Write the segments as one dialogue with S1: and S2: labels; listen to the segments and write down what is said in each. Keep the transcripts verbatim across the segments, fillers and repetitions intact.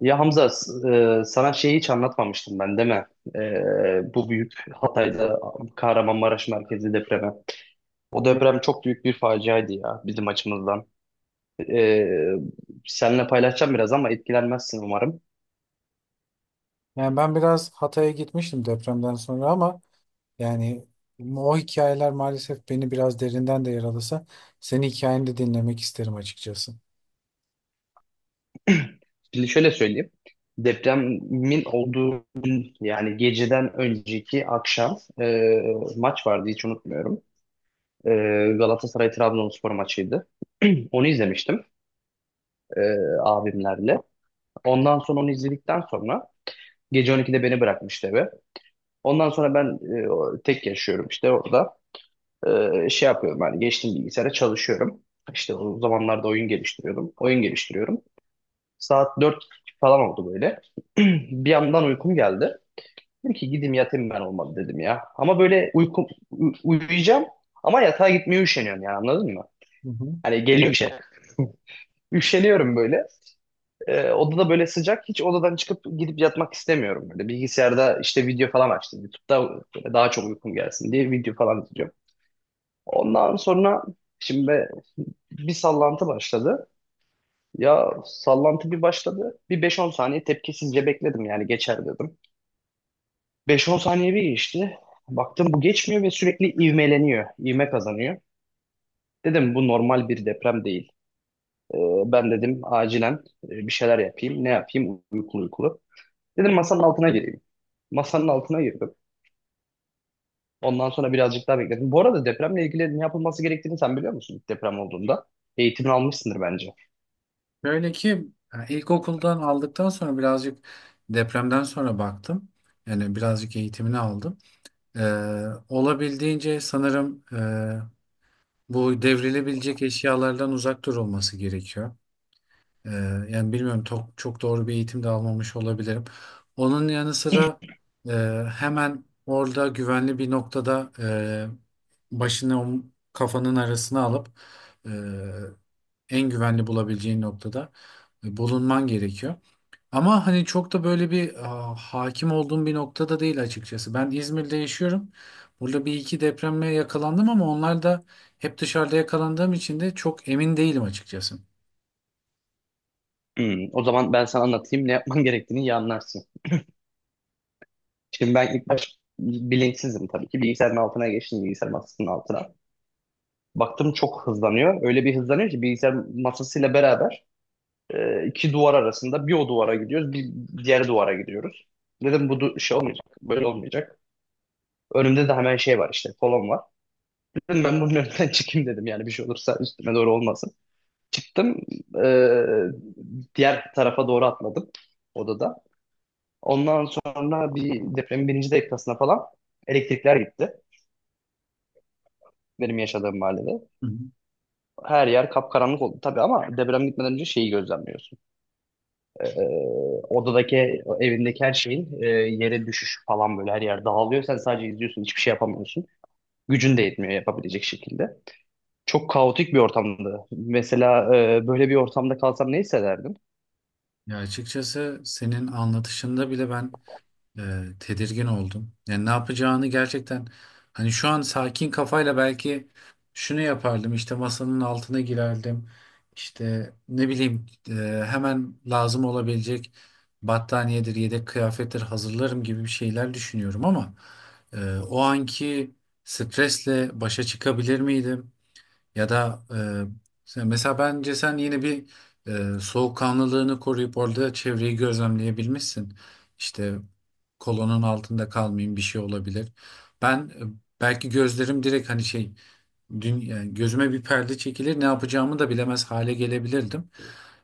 S1: Ya Hamza, e, sana şeyi hiç anlatmamıştım ben değil mi? E, bu büyük Hatay'da Kahramanmaraş merkezli depremi. O
S2: Yok.
S1: deprem çok büyük bir faciaydı ya bizim açımızdan. E, Seninle paylaşacağım biraz ama etkilenmezsin umarım.
S2: Yani ben biraz Hatay'a gitmiştim depremden sonra ama yani o hikayeler maalesef beni biraz derinden de yaralasa senin hikayeni de dinlemek isterim açıkçası.
S1: Şimdi şöyle söyleyeyim. Depremin olduğu yani geceden önceki akşam e, maç vardı hiç unutmuyorum. E, Galatasaray Trabzonspor maçıydı. Onu izlemiştim e, abimlerle. Ondan sonra onu izledikten sonra gece on ikide beni bırakmıştı eve. Ondan sonra ben e, o- tek yaşıyorum işte orada. E, şey yapıyorum hani geçtim bilgisayara çalışıyorum. İşte o zamanlarda oyun geliştiriyordum. Oyun geliştiriyorum. Saat dört falan oldu böyle. Bir yandan uykum geldi. Dedim ki gideyim yatayım ben olmadı dedim ya. Ama böyle uykum, u- uyuyacağım ama yatağa gitmeye üşeniyorum yani anladın mı?
S2: Hı hı.
S1: Hani geliyor şey. Üşeniyorum böyle. Ee, odada böyle sıcak. Hiç odadan çıkıp gidip yatmak istemiyorum. Böyle bilgisayarda işte video falan açtım. YouTube'da böyle daha çok uykum gelsin diye video falan izliyorum. Ondan sonra şimdi be- bir sallantı başladı. Ya sallantı bir başladı. Bir beş on saniye tepkisizce bekledim yani geçer dedim. beş on saniye bir geçti. Baktım bu geçmiyor ve sürekli ivmeleniyor. İvme kazanıyor. Dedim bu normal bir deprem değil. Ee, Ben dedim acilen e, bir şeyler yapayım. Ne yapayım? Uykulu uykulu. Dedim masanın altına gireyim. Masanın altına girdim. Ondan sonra birazcık daha bekledim. Bu arada depremle ilgili ne yapılması gerektiğini sen biliyor musun ilk deprem olduğunda? Eğitimini almışsındır bence.
S2: Böyle ki yani ilkokuldan aldıktan sonra birazcık depremden sonra baktım. Yani birazcık eğitimini aldım. Ee, olabildiğince sanırım e, bu devrilebilecek eşyalardan uzak durulması gerekiyor. Ee, Yani bilmiyorum, çok, çok doğru bir eğitim de almamış olabilirim. Onun yanı sıra e, hemen orada güvenli bir noktada, e, başını om- kafanın arasına alıp e, en güvenli bulabileceğin noktada e, bulunman gerekiyor. Ama hani çok da böyle bir a, hakim olduğum bir noktada değil açıkçası. Ben İzmir'de yaşıyorum. Burada bir iki depreme yakalandım ama onlar da hep dışarıda yakalandığım için de çok emin değilim açıkçası.
S1: Hmm, o zaman ben sana anlatayım ne yapman gerektiğini iyi anlarsın. Şimdi ben ilk baş bilinçsizim tabii ki. Bilgisayarın altına geçtim, bilgisayar masasının altına. Baktım çok hızlanıyor. Öyle bir hızlanıyor ki bilgisayar masasıyla beraber e, iki duvar arasında bir o duvara gidiyoruz, bir diğer duvara gidiyoruz. Dedim bu du- şey olmayacak, böyle olmayacak. Önümde de hemen şey var işte, kolon var. Dedim ben bunun önünden çıkayım dedim yani bir şey olursa üstüme doğru olmasın. Çıktım, eee, diğer tarafa doğru atladım odada. Ondan sonra bir depremin birinci dakikasına falan elektrikler gitti benim yaşadığım mahallede. Her yer kapkaranlık oldu tabii ama deprem gitmeden önce şeyi gözlemliyorsun. Eee, odadaki evindeki her şeyin eee, yere düşüşü falan böyle her yer dağılıyor. Sen sadece izliyorsun hiçbir şey yapamıyorsun. Gücün de yetmiyor yapabilecek şekilde. Çok kaotik bir ortamdı. Mesela e, böyle bir ortamda kalsam ne hissederdim?
S2: Ya açıkçası senin anlatışında bile ben e, tedirgin oldum. Yani ne yapacağını gerçekten, hani şu an sakin kafayla, belki şunu yapardım: işte masanın altına girerdim. İşte ne bileyim, e, hemen lazım olabilecek battaniyedir, yedek kıyafettir hazırlarım gibi bir şeyler düşünüyorum ama e, o anki stresle başa çıkabilir miydim? Ya da, e, sen- mesela bence sen yine bir e, soğukkanlılığını koruyup orada çevreyi gözlemleyebilmişsin. İşte kolonun altında kalmayayım, bir şey olabilir. Ben, e, belki gözlerim direkt, hani şey dün, yani gözüme bir perde çekilir, ne yapacağımı da bilemez hale gelebilirdim.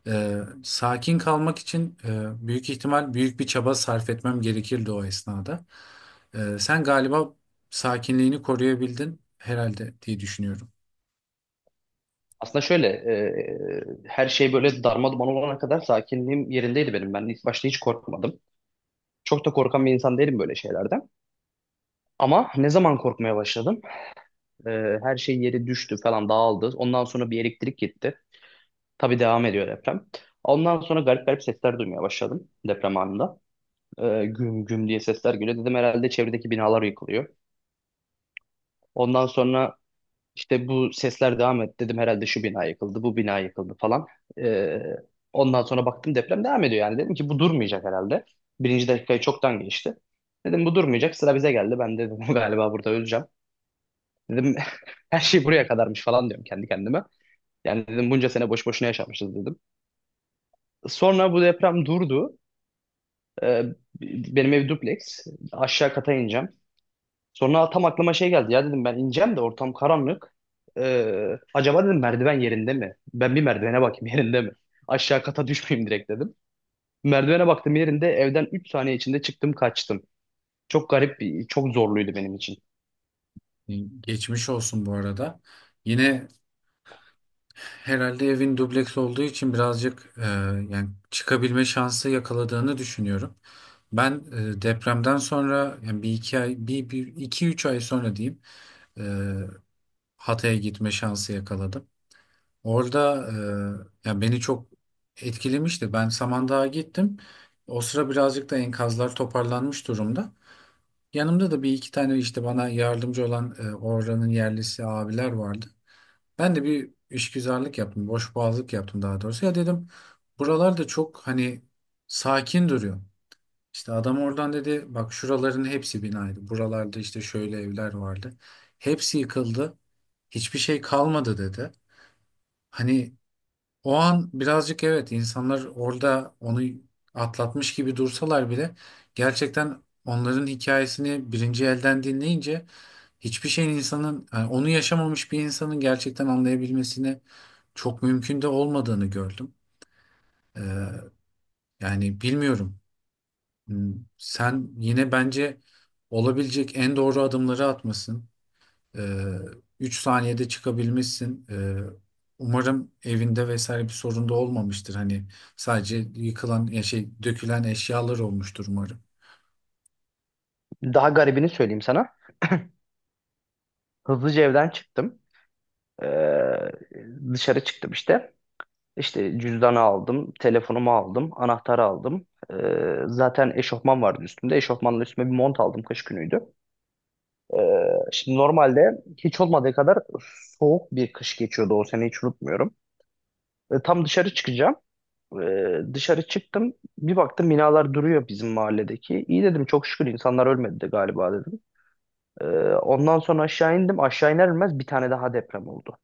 S2: E, Sakin kalmak için e, büyük ihtimal büyük bir çaba sarf etmem gerekirdi o esnada. E, sen galiba sakinliğini koruyabildin herhalde diye düşünüyorum.
S1: Aslında şöyle, e, her şey böyle darma duman olana kadar sakinliğim yerindeydi benim. Ben ilk başta hiç korkmadım. Çok da korkan bir insan değilim böyle şeylerden. Ama ne zaman korkmaya başladım? E, Her şey yeri düştü falan dağıldı. Ondan sonra bir elektrik gitti. Tabii devam ediyor deprem. Ondan sonra garip garip sesler duymaya başladım deprem anında. E, güm güm diye sesler geliyor. Dedim herhalde çevredeki binalar yıkılıyor. Ondan sonra işte bu sesler devam etti. Dedim herhalde şu bina yıkıldı, bu bina yıkıldı falan. E, Ondan sonra baktım deprem devam ediyor yani. Dedim ki bu durmayacak herhalde. Birinci dakikayı çoktan geçti. Dedim bu durmayacak sıra bize geldi. Ben de dedim galiba burada öleceğim. Dedim her şey buraya kadarmış falan diyorum kendi kendime. Yani dedim bunca sene boş boşuna yaşamışız dedim. Sonra bu deprem durdu. E, Benim ev dupleks. Aşağı kata ineceğim. Sonra tam aklıma şey geldi. Ya dedim ben ineceğim de ortam karanlık. Ee, acaba dedim merdiven yerinde mi? Ben bir merdivene bakayım yerinde mi? Aşağı kata düşmeyeyim direkt dedim. Merdivene baktım yerinde, evden üç saniye içinde çıktım kaçtım. Çok garip bir, çok zorluydu benim için.
S2: Geçmiş olsun bu arada. Yine herhalde evin dubleks olduğu için birazcık, e, yani çıkabilme şansı yakaladığını düşünüyorum. Ben, e, depremden sonra, yani bir iki ay, bir, bir iki üç ay sonra diyeyim, e, Hatay'a gitme şansı yakaladım. Orada, e, yani beni çok etkilemişti. Ben Samandağ'a gittim. O sıra birazcık da enkazlar toparlanmış durumda. Yanımda da bir iki tane işte bana yardımcı olan e, oranın yerlisi abiler vardı. Ben de bir işgüzarlık yaptım, boşboğazlık yaptım daha doğrusu. Ya dedim, buralarda çok hani sakin duruyor. İşte adam oradan dedi, bak şuraların hepsi binaydı. Buralarda işte şöyle evler vardı. Hepsi yıkıldı. Hiçbir şey kalmadı dedi. Hani o an birazcık, evet, insanlar orada onu atlatmış gibi dursalar bile, gerçekten onların hikayesini birinci elden dinleyince hiçbir şeyin, insanın, yani onu yaşamamış bir insanın gerçekten anlayabilmesine çok mümkün de olmadığını gördüm. Ee, Yani bilmiyorum. Hmm, Sen yine bence olabilecek en doğru adımları atmasın. Ee, Üç saniyede çıkabilmişsin. Ee, umarım evinde vesaire bir sorun da olmamıştır. Hani sadece yıkılan ya şey dökülen eşyalar olmuştur umarım.
S1: Daha garibini söyleyeyim sana. Hızlıca evden çıktım. Ee, Dışarı çıktım işte. İşte cüzdanı aldım, telefonumu aldım, anahtarı aldım. Ee, Zaten eşofman vardı üstümde. Eşofmanla üstüme bir mont aldım, kış günüydü. Ee, şimdi normalde hiç olmadığı kadar soğuk bir kış geçiyordu o sene, hiç unutmuyorum. Ee, tam dışarı çıkacağım. Ee, dışarı çıktım. Bir baktım binalar duruyor bizim mahalledeki. İyi dedim, çok şükür insanlar ölmedi de galiba dedim. Ee, Ondan sonra aşağı indim. Aşağı iner inmez bir tane daha deprem oldu.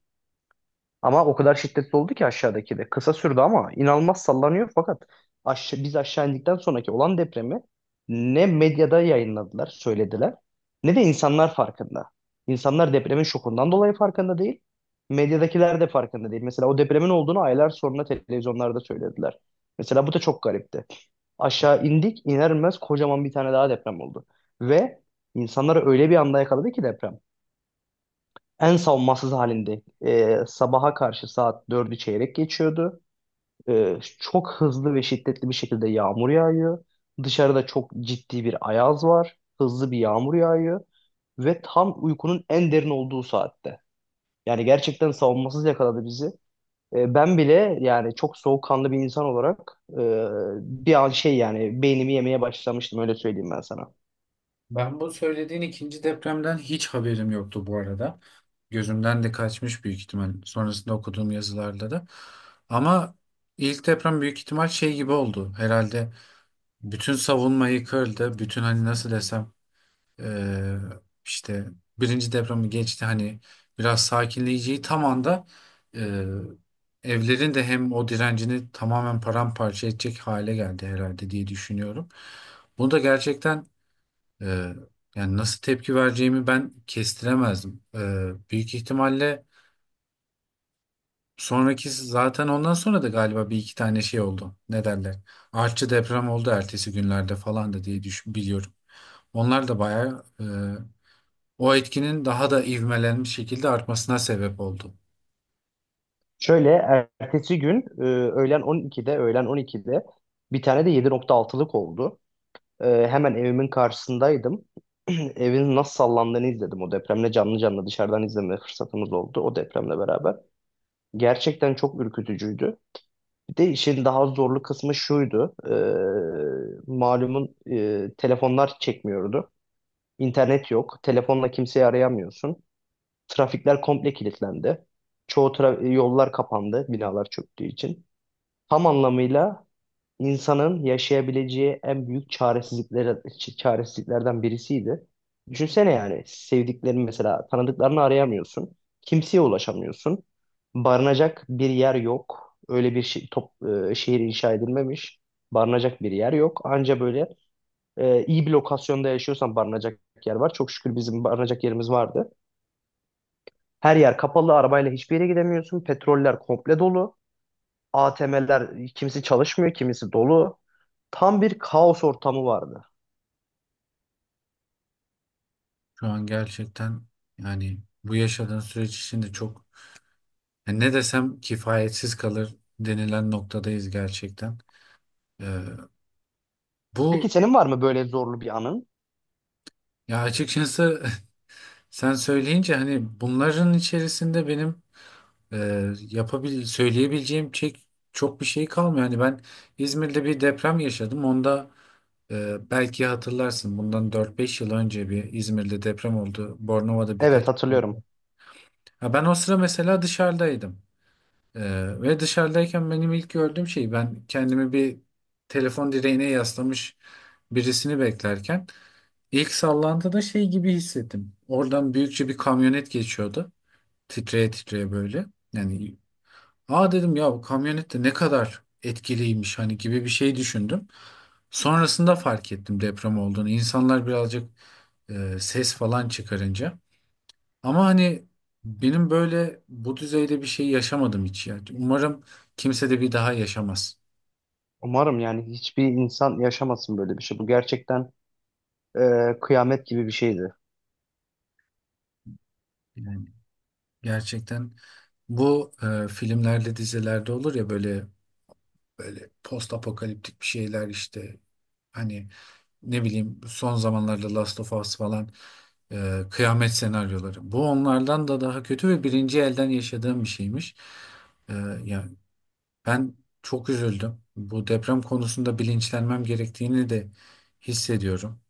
S1: Ama o kadar şiddetli oldu ki aşağıdaki de. Kısa sürdü ama inanılmaz sallanıyor, fakat aşa- biz aşağı indikten sonraki olan depremi ne medyada yayınladılar, söylediler, ne de insanlar farkında. İnsanlar depremin şokundan dolayı farkında değil. Medyadakiler de farkında değil. Mesela o depremin olduğunu aylar sonra televizyonlarda söylediler. Mesela bu da çok garipti. Aşağı indik, iner inmez kocaman bir tane daha deprem oldu. Ve insanları öyle bir anda yakaladı ki deprem en savunmasız halinde, e, sabaha karşı saat dördü çeyrek geçiyordu. E, çok hızlı ve şiddetli bir şekilde yağmur yağıyor. Dışarıda çok ciddi bir ayaz var. Hızlı bir yağmur yağıyor ve tam uykunun en derin olduğu saatte. Yani gerçekten savunmasız yakaladı bizi. E, ben bile yani çok soğukkanlı bir insan olarak e, bir an şey yani beynimi yemeye başlamıştım, öyle söyleyeyim ben sana.
S2: Ben bu söylediğin ikinci depremden hiç haberim yoktu bu arada. Gözümden de kaçmış büyük ihtimal, sonrasında okuduğum yazılarda da. Ama ilk deprem büyük ihtimal şey gibi oldu. Herhalde bütün savunma yıkıldı. Bütün, hani nasıl desem, eee, işte birinci depremi geçti, hani biraz sakinleyeceği tam anda eee, evlerin de hem o direncini tamamen paramparça edecek hale geldi herhalde diye düşünüyorum. Bunu da gerçekten ee, yani nasıl tepki vereceğimi ben kestiremezdim. Ee, büyük ihtimalle sonraki, zaten ondan sonra da galiba bir iki tane şey oldu. Ne derler? Artçı deprem oldu ertesi günlerde falan da diye düşün, biliyorum. Onlar da bayağı, e, o etkinin daha da ivmelenmiş şekilde artmasına sebep oldu.
S1: Şöyle ertesi gün e, öğlen on ikide öğlen on ikide bir tane de yedi nokta altılık oldu. Ee, hemen evimin karşısındaydım. Evin nasıl sallandığını izledim. O depremle canlı canlı dışarıdan izleme fırsatımız oldu o depremle beraber. Gerçekten çok ürkütücüydü. Bir de işin daha zorlu kısmı şuydu. Ee, malumun e, telefonlar çekmiyordu. İnternet yok. Telefonla kimseyi arayamıyorsun. Trafikler komple kilitlendi. Çoğu tra- yollar kapandı, binalar çöktüğü için. Tam anlamıyla insanın yaşayabileceği en büyük çaresizlikler, çaresizliklerden birisiydi. Düşünsene yani sevdiklerini, mesela tanıdıklarını arayamıyorsun. Kimseye ulaşamıyorsun. Barınacak bir yer yok. Öyle bir şey, top, e, Şehir inşa edilmemiş. Barınacak bir yer yok. Anca böyle e, iyi bir lokasyonda yaşıyorsan barınacak yer var. Çok şükür bizim barınacak yerimiz vardı. Her yer kapalı, arabayla hiçbir yere gidemiyorsun. Petroller komple dolu. A T M'ler kimisi çalışmıyor, kimisi dolu. Tam bir kaos ortamı vardı.
S2: Şu an gerçekten, yani bu yaşadığın süreç içinde çok, yani ne desem kifayetsiz kalır denilen noktadayız gerçekten. Ee,
S1: Peki
S2: bu
S1: senin var mı böyle zorlu bir anın?
S2: Ya açıkçası, sen söyleyince hani bunların içerisinde benim, e, yapabil söyleyebileceğim çek çok bir şey kalmıyor. Hani ben İzmir'de bir deprem yaşadım. Onda, e, belki hatırlarsın, bundan dört beş yıl önce bir İzmir'de deprem oldu. Bornova'da
S1: Evet,
S2: birkaç.
S1: hatırlıyorum.
S2: Ha, ben o sıra mesela dışarıdaydım. E, ve dışarıdayken benim ilk gördüğüm şey, ben kendimi bir telefon direğine yaslamış birisini beklerken ilk sallantıda şey gibi hissettim. Oradan büyükçe bir kamyonet geçiyordu, titreye titreye böyle. Yani aa dedim ya, bu kamyonet de ne kadar etkiliymiş hani, gibi bir şey düşündüm. Sonrasında fark ettim deprem olduğunu. İnsanlar birazcık e, ses falan çıkarınca. Ama hani benim böyle bu düzeyde bir şey yaşamadım hiç ya. Umarım kimse de bir daha yaşamaz.
S1: Umarım yani hiçbir insan yaşamasın böyle bir şey. Bu gerçekten e, kıyamet gibi bir şeydi.
S2: Yani gerçekten bu, e, filmlerde dizilerde olur ya böyle, böyle post apokaliptik bir şeyler, işte hani ne bileyim, son zamanlarda Last of Us falan, e, kıyamet senaryoları. Bu onlardan da daha kötü ve birinci elden yaşadığım bir şeymiş. E, Yani ben çok üzüldüm. Bu deprem konusunda bilinçlenmem gerektiğini de hissediyorum.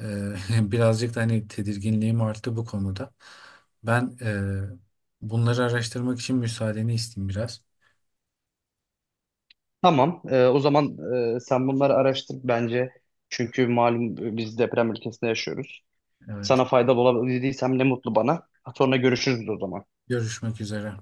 S2: E, Birazcık da hani tedirginliğim arttı bu konuda. Ben, e, bunları araştırmak için müsaadeni isteyeyim biraz.
S1: Tamam, e, o zaman e, sen bunları araştır bence. Çünkü malum e, biz deprem ülkesinde yaşıyoruz.
S2: Evet.
S1: Sana faydalı olabildiysem ne mutlu bana. Sonra görüşürüz o zaman.
S2: Görüşmek üzere.